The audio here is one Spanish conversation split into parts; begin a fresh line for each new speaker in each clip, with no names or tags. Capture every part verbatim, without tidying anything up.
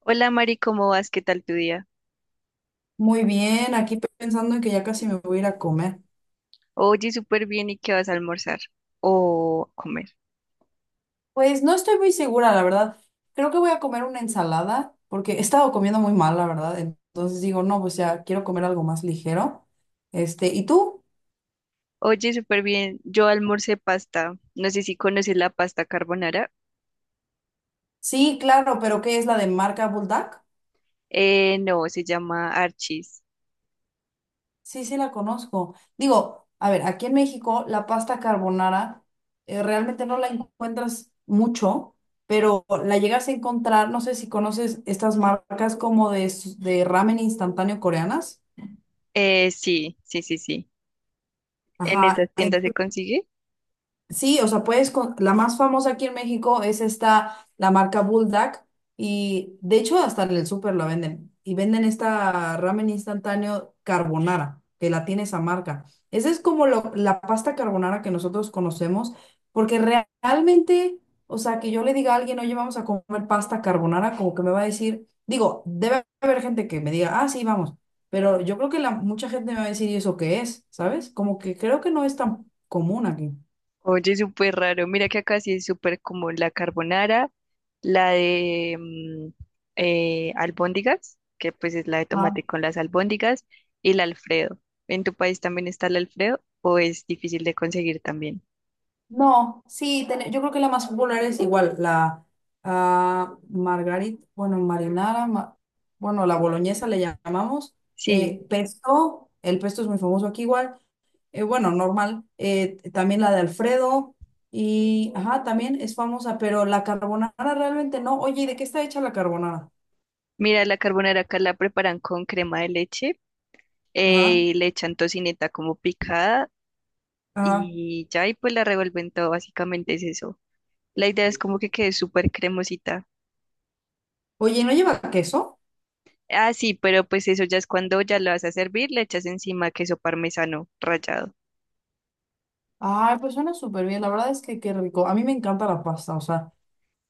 Hola Mari, ¿cómo vas? ¿Qué tal tu día?
Muy bien, aquí pensando en que ya casi me voy a ir a comer.
Oye, súper bien, ¿y qué vas a almorzar? O a comer.
Pues no estoy muy segura, la verdad. Creo que voy a comer una ensalada porque he estado comiendo muy mal, la verdad. Entonces digo, no, pues ya quiero comer algo más ligero. Este, ¿y tú?
Oye, súper bien, yo almorcé pasta. No sé si conoces la pasta carbonara.
Sí, claro, pero ¿qué es la de marca Bulldog?
Eh, no, se llama Archis.
Sí, sí la conozco. Digo, a ver, aquí en México la pasta carbonara eh, realmente no la encuentras mucho, pero la llegas a encontrar, no sé si conoces estas marcas como de, s- de ramen instantáneo coreanas.
Eh, sí, sí, sí, sí. ¿En
Ajá,
esas
en-
tiendas se consigue?
sí, o sea, puedes con... la más famosa aquí en México es esta, la marca Bulldog, y de hecho hasta en el súper la venden, y venden esta ramen instantáneo carbonara, que la tiene esa marca. Esa es como lo- la pasta carbonara que nosotros conocemos, porque re- realmente, o sea, que yo le diga a alguien, oye, vamos a comer pasta carbonara, como que me va a decir, digo, debe haber gente que me diga, ah, sí, vamos, pero yo creo que la... mucha gente me va a decir, ¿y eso qué es? ¿Sabes? Como que creo que no es tan común aquí.
Oye, súper raro. Mira que acá sí es súper como la carbonara, la de mm, eh, albóndigas, que pues es la de
Ajá.
tomate con las albóndigas, y el Alfredo. ¿En tu país también está el Alfredo o es difícil de conseguir también?
No, sí, ten- yo creo que la más popular es igual, la ah, margarita, bueno, marinara, ma- bueno, la boloñesa le llamamos, eh,
Sí,
pesto, el pesto es muy famoso aquí igual, eh, bueno, normal, eh, también la de Alfredo y, ajá, también es famosa, pero la carbonara realmente no. Oye, ¿y de qué está hecha la carbonara?
mira, la carbonara acá la preparan con crema de leche,
Ajá,
eh, le echan tocineta como picada
ajá.
y ya, y pues la revuelven todo, básicamente es eso. La idea es como que quede súper cremosita.
Oye, ¿no lleva queso?
Ah, sí, pero pues eso ya es cuando ya lo vas a servir, le echas encima queso parmesano rallado.
Ay, pues suena súper bien, la verdad es que qué rico, a mí me encanta la pasta, o sea.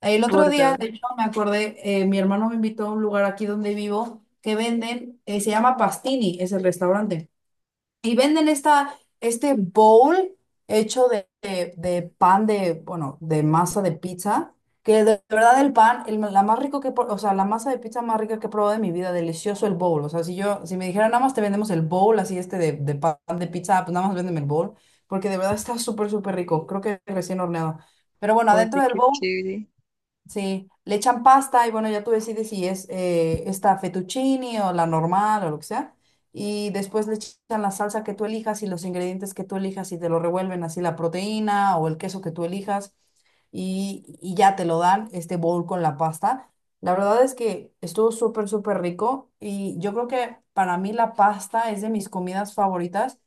El otro
Por
día,
dos.
de hecho, me acordé, eh, mi hermano me invitó a un lugar aquí donde vivo que venden, eh, se llama Pastini, es el restaurante, y venden esta, este bowl hecho de, de- de pan de, bueno, de masa de pizza, que de verdad el pan, el- la más rico que, he pro- o sea, la masa de pizza más rica que he probado de mi vida, delicioso el bowl, o sea, si yo, si me dijeran nada más te vendemos el bowl, así este de, de pan de pizza, pues nada más véndeme el bowl, porque de verdad está súper, súper rico, creo que recién horneado. Pero bueno, adentro
Oye,
del
qué
bowl...
chévere.
sí, le echan pasta y bueno, ya tú decides si es eh, esta fettuccine o la normal o lo que sea. Y después le echan la salsa que tú elijas y los ingredientes que tú elijas y te lo revuelven así la proteína o el queso que tú elijas y, y ya te lo dan este bowl con la pasta. La verdad es que estuvo súper, súper rico y yo creo que para mí la pasta es de mis comidas favoritas,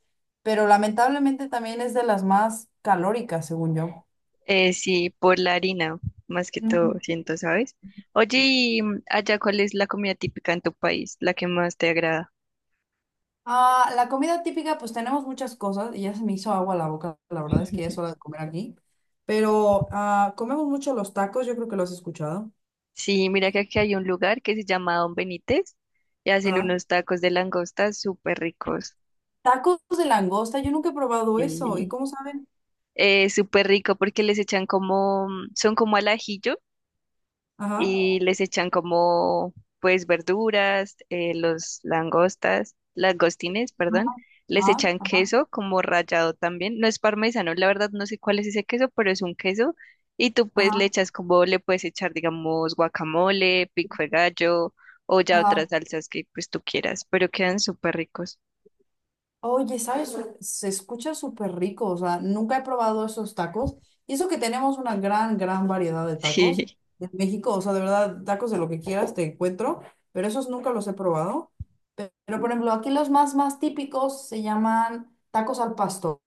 pero lamentablemente también es de las más calóricas, según yo.
Eh, sí, por la harina, más que todo, siento, ¿sabes? Oye, y mm, allá, ¿cuál es la comida típica en tu país, la que más te agrada?
Ah, la comida típica, pues tenemos muchas cosas y ya se me hizo agua la boca, la verdad es que ya es hora de comer aquí. Pero ah, comemos mucho los tacos, yo creo que los has escuchado.
Sí, mira que aquí hay un lugar que se llama Don Benítez y hacen
Ajá.
unos tacos de langosta súper ricos.
Tacos de langosta, yo nunca he probado eso. ¿Y
Sí,
cómo saben?
Eh, súper rico porque les echan como, mm, son como al ajillo
Ajá.
y les echan como pues verduras, eh, los langostas, langostines, perdón, les
Ajá,
echan
ajá,
queso como rallado también, no es parmesano, la verdad no sé cuál es ese queso, pero es un queso, y tú pues le
ajá,
echas como le puedes echar digamos guacamole, pico de gallo o ya otras
ajá.
salsas que pues tú quieras, pero quedan súper ricos.
Oye, ¿sabes? Se escucha súper rico, o sea, nunca he probado esos tacos. Y eso que tenemos una gran, gran variedad de tacos
Sí,
en México, o sea, de verdad, tacos de lo que quieras te encuentro, pero esos nunca los he probado. Pero por ejemplo, aquí los más, más típicos se llaman tacos al pastor.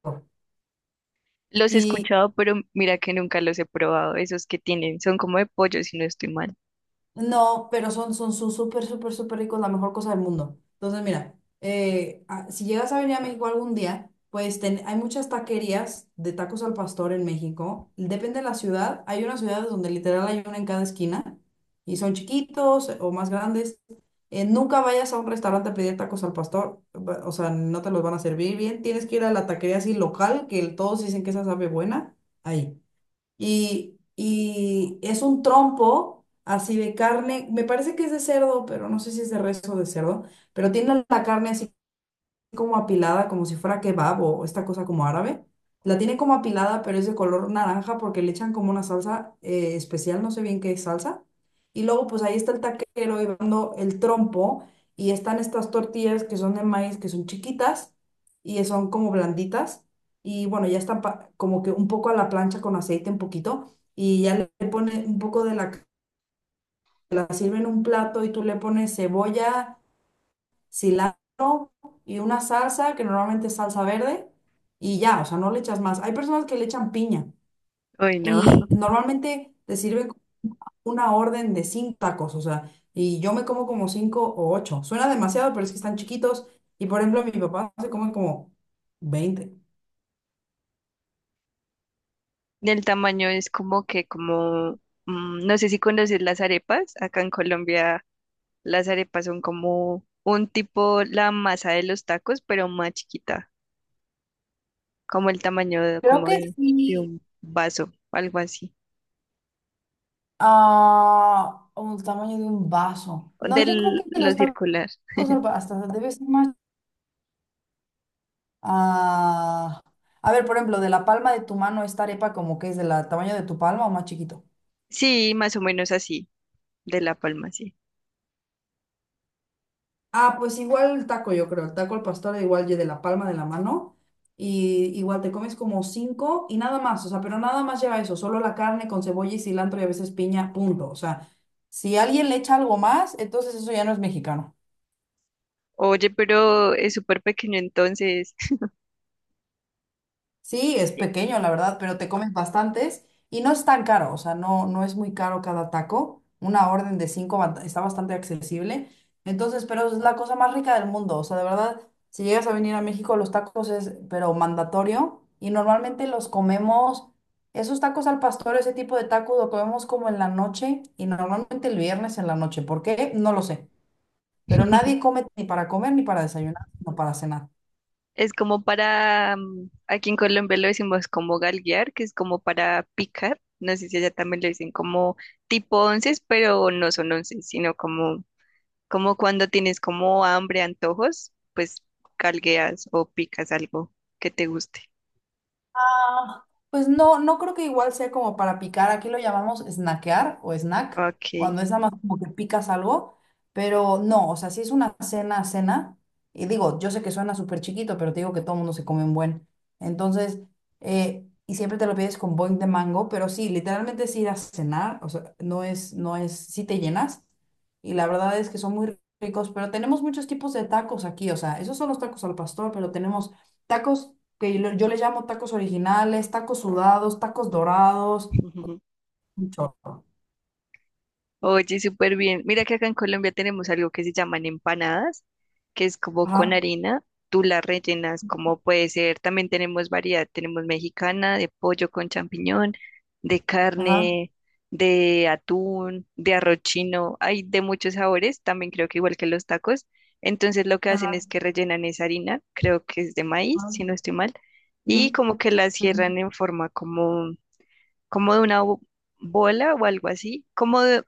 los he
Y
escuchado, pero mira que nunca los he probado, esos que tienen, son como de pollo si no estoy mal.
no, pero son, son, son súper, súper, súper ricos, la mejor cosa del mundo. Entonces, mira, eh, a- si llegas a venir a México algún día, pues ten- hay muchas taquerías de tacos al pastor en México. Depende de la ciudad. Hay unas ciudades donde literal hay una en cada esquina y son chiquitos eh, o más grandes. Eh, nunca vayas a un restaurante a pedir tacos al pastor, va- o sea, no te los van a servir bien. Tienes que ir a la taquería así local, que todos dicen que esa sabe buena. Ahí. Y, y es un trompo así de carne, me parece que es de cerdo, pero no sé si es de res o de cerdo, pero tiene la carne así como apilada, como si fuera kebab o esta cosa como árabe. La tiene como apilada, pero es de color naranja porque le echan como una salsa eh, especial, no sé bien qué salsa. Y luego, pues ahí está el taquero y va dando el trompo. Y están estas tortillas que son de maíz, que son chiquitas y son como blanditas. Y bueno, ya están pa- como que un poco a la plancha con aceite, un poquito. Y ya le pone un poco de la, la sirven en un plato y tú le pones cebolla cilantro y una salsa, que normalmente es salsa verde, y ya, o sea, no le echas más. Hay personas que le echan piña
Uy, no.
y normalmente te sirven una orden de cinco tacos, o sea, y yo me como como cinco o ocho. Suena demasiado, pero es que están chiquitos y, por ejemplo, mi papá se come como veinte.
El tamaño es como que, como, mm, no sé si conoces las arepas. Acá en Colombia las arepas son como un tipo la masa de los tacos, pero más chiquita, como el tamaño de-
Creo
como
que
de, de
sí,
un vaso, algo así,
a un tamaño de un vaso. No,
de
yo creo que
lo
los tacos
circular.
al- hasta debe ser más. Ah, a ver, por ejemplo, de la palma de tu mano, esta arepa como que es del tamaño de tu palma o más chiquito.
Sí, más o menos así, de La Palma, sí.
Ah, pues igual el taco, yo creo. El taco al pastor, igual y de la palma de la mano. Y igual te comes como cinco y nada más. O sea, pero nada más lleva eso. Solo la carne con cebolla y cilantro y a veces piña, punto. O sea, si alguien le echa algo más, entonces eso ya no es mexicano.
Oye, pero es súper pequeño entonces.
Sí, es pequeño, la verdad, pero te comes bastantes y no es tan caro, o sea, no, no es muy caro cada taco. Una orden de cinco bast- está bastante accesible. Entonces, pero es la cosa más rica del mundo, o sea, de verdad, si llegas a venir a México, los tacos es, pero mandatorio y normalmente los comemos, esos tacos al pastor, ese tipo de tacos lo comemos como en la noche y normalmente el viernes en la noche. ¿Por qué? No lo sé, pero nadie come ni para comer ni para desayunar, no para cenar.
Es como para, mm, aquí en Colombia lo decimos como galguear, que es como para picar. No sé si allá también lo dicen como tipo onces, pero no son onces, sino como, como cuando tienes como hambre, antojos, pues galgueas o picas algo que te guste.
Ah, pues no, no creo que igual sea como para picar. Aquí lo llamamos snackear o snack,
Ok.
cuando es nada más como que picas algo, pero no, o sea, si es una cena, cena, y digo, yo sé que suena súper chiquito, pero te digo que todo el mundo se come un buen. Entonces, eh, y siempre te lo pides con boing de mango, pero sí, literalmente es ir a cenar, o sea, no es, no es, sí te llenas, y la verdad es que son muy ricos, pero tenemos muchos tipos de tacos aquí, o sea, esos son los tacos al pastor, pero tenemos tacos que yo, yo le llamo tacos originales, tacos sudados, tacos dorados, un chorro.
Oye, súper bien. Mira que acá en Colombia tenemos algo que se llaman empanadas, que es como con
Ajá,
harina, tú la rellenas como puede ser. También tenemos variedad, tenemos mexicana, de pollo con champiñón, de
ajá,
carne, de atún, de arroz chino, hay de muchos sabores, también creo que igual que los tacos. Entonces lo que hacen
ajá,
es que rellenan esa harina, creo que es de maíz, si
ajá,
no estoy mal,
ujú,
y como que la
ujú,
cierran en forma como de una bo- bola o algo así, como de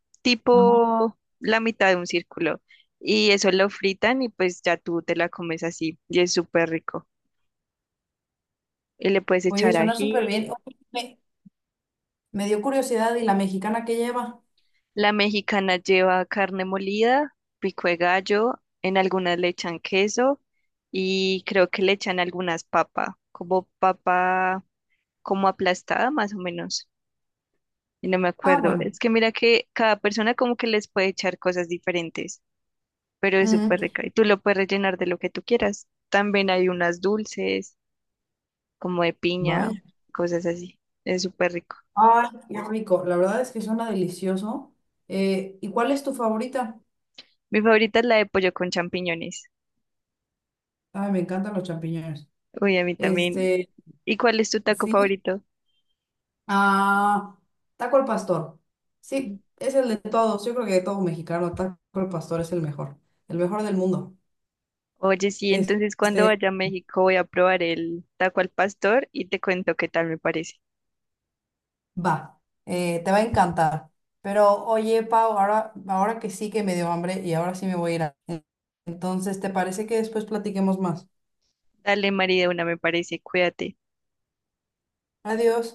ajá.
tipo la mitad de un círculo. Y eso lo fritan y pues ya tú te la comes así y es súper rico. Y le puedes
Oye,
echar
suena súper bien.
ají.
Oye, Me, me dio curiosidad, ¿y la mexicana que lleva?
La mexicana lleva carne molida, pico de gallo, en algunas le echan queso y creo que le echan algunas papas, como papa como aplastada más o menos. Y no me
Ah,
acuerdo.
bueno.
Es que mira que cada persona como que les puede echar cosas diferentes, pero es
Mm,
súper rica. Y tú lo puedes rellenar de lo que tú quieras. También hay unas dulces, como de piña,
vaya.
cosas así. Es súper rico.
Ay, qué rico. La verdad es que suena delicioso. Eh, ¿y cuál es tu favorita?
Mi favorita es la de pollo con champiñones.
Ay, me encantan los champiñones.
Uy, a mí también.
Este,
¿Y cuál es tu taco
sí,
favorito?
Ah, taco al pastor.
Mm.
Sí, es el de todos. Yo creo que de todo mexicano, taco al pastor es el mejor, el mejor del mundo.
Oye, sí,
Es-
entonces cuando
Este,
vaya a México voy a probar el taco al pastor y te cuento qué tal me parece.
va, eh, te va a encantar. Pero oye, Pau, ahora, ahora que sí que me dio hambre y ahora sí me voy a ir. a- Entonces, ¿te parece que después platiquemos más?
Dale, María, una me parece, cuídate.
Adiós.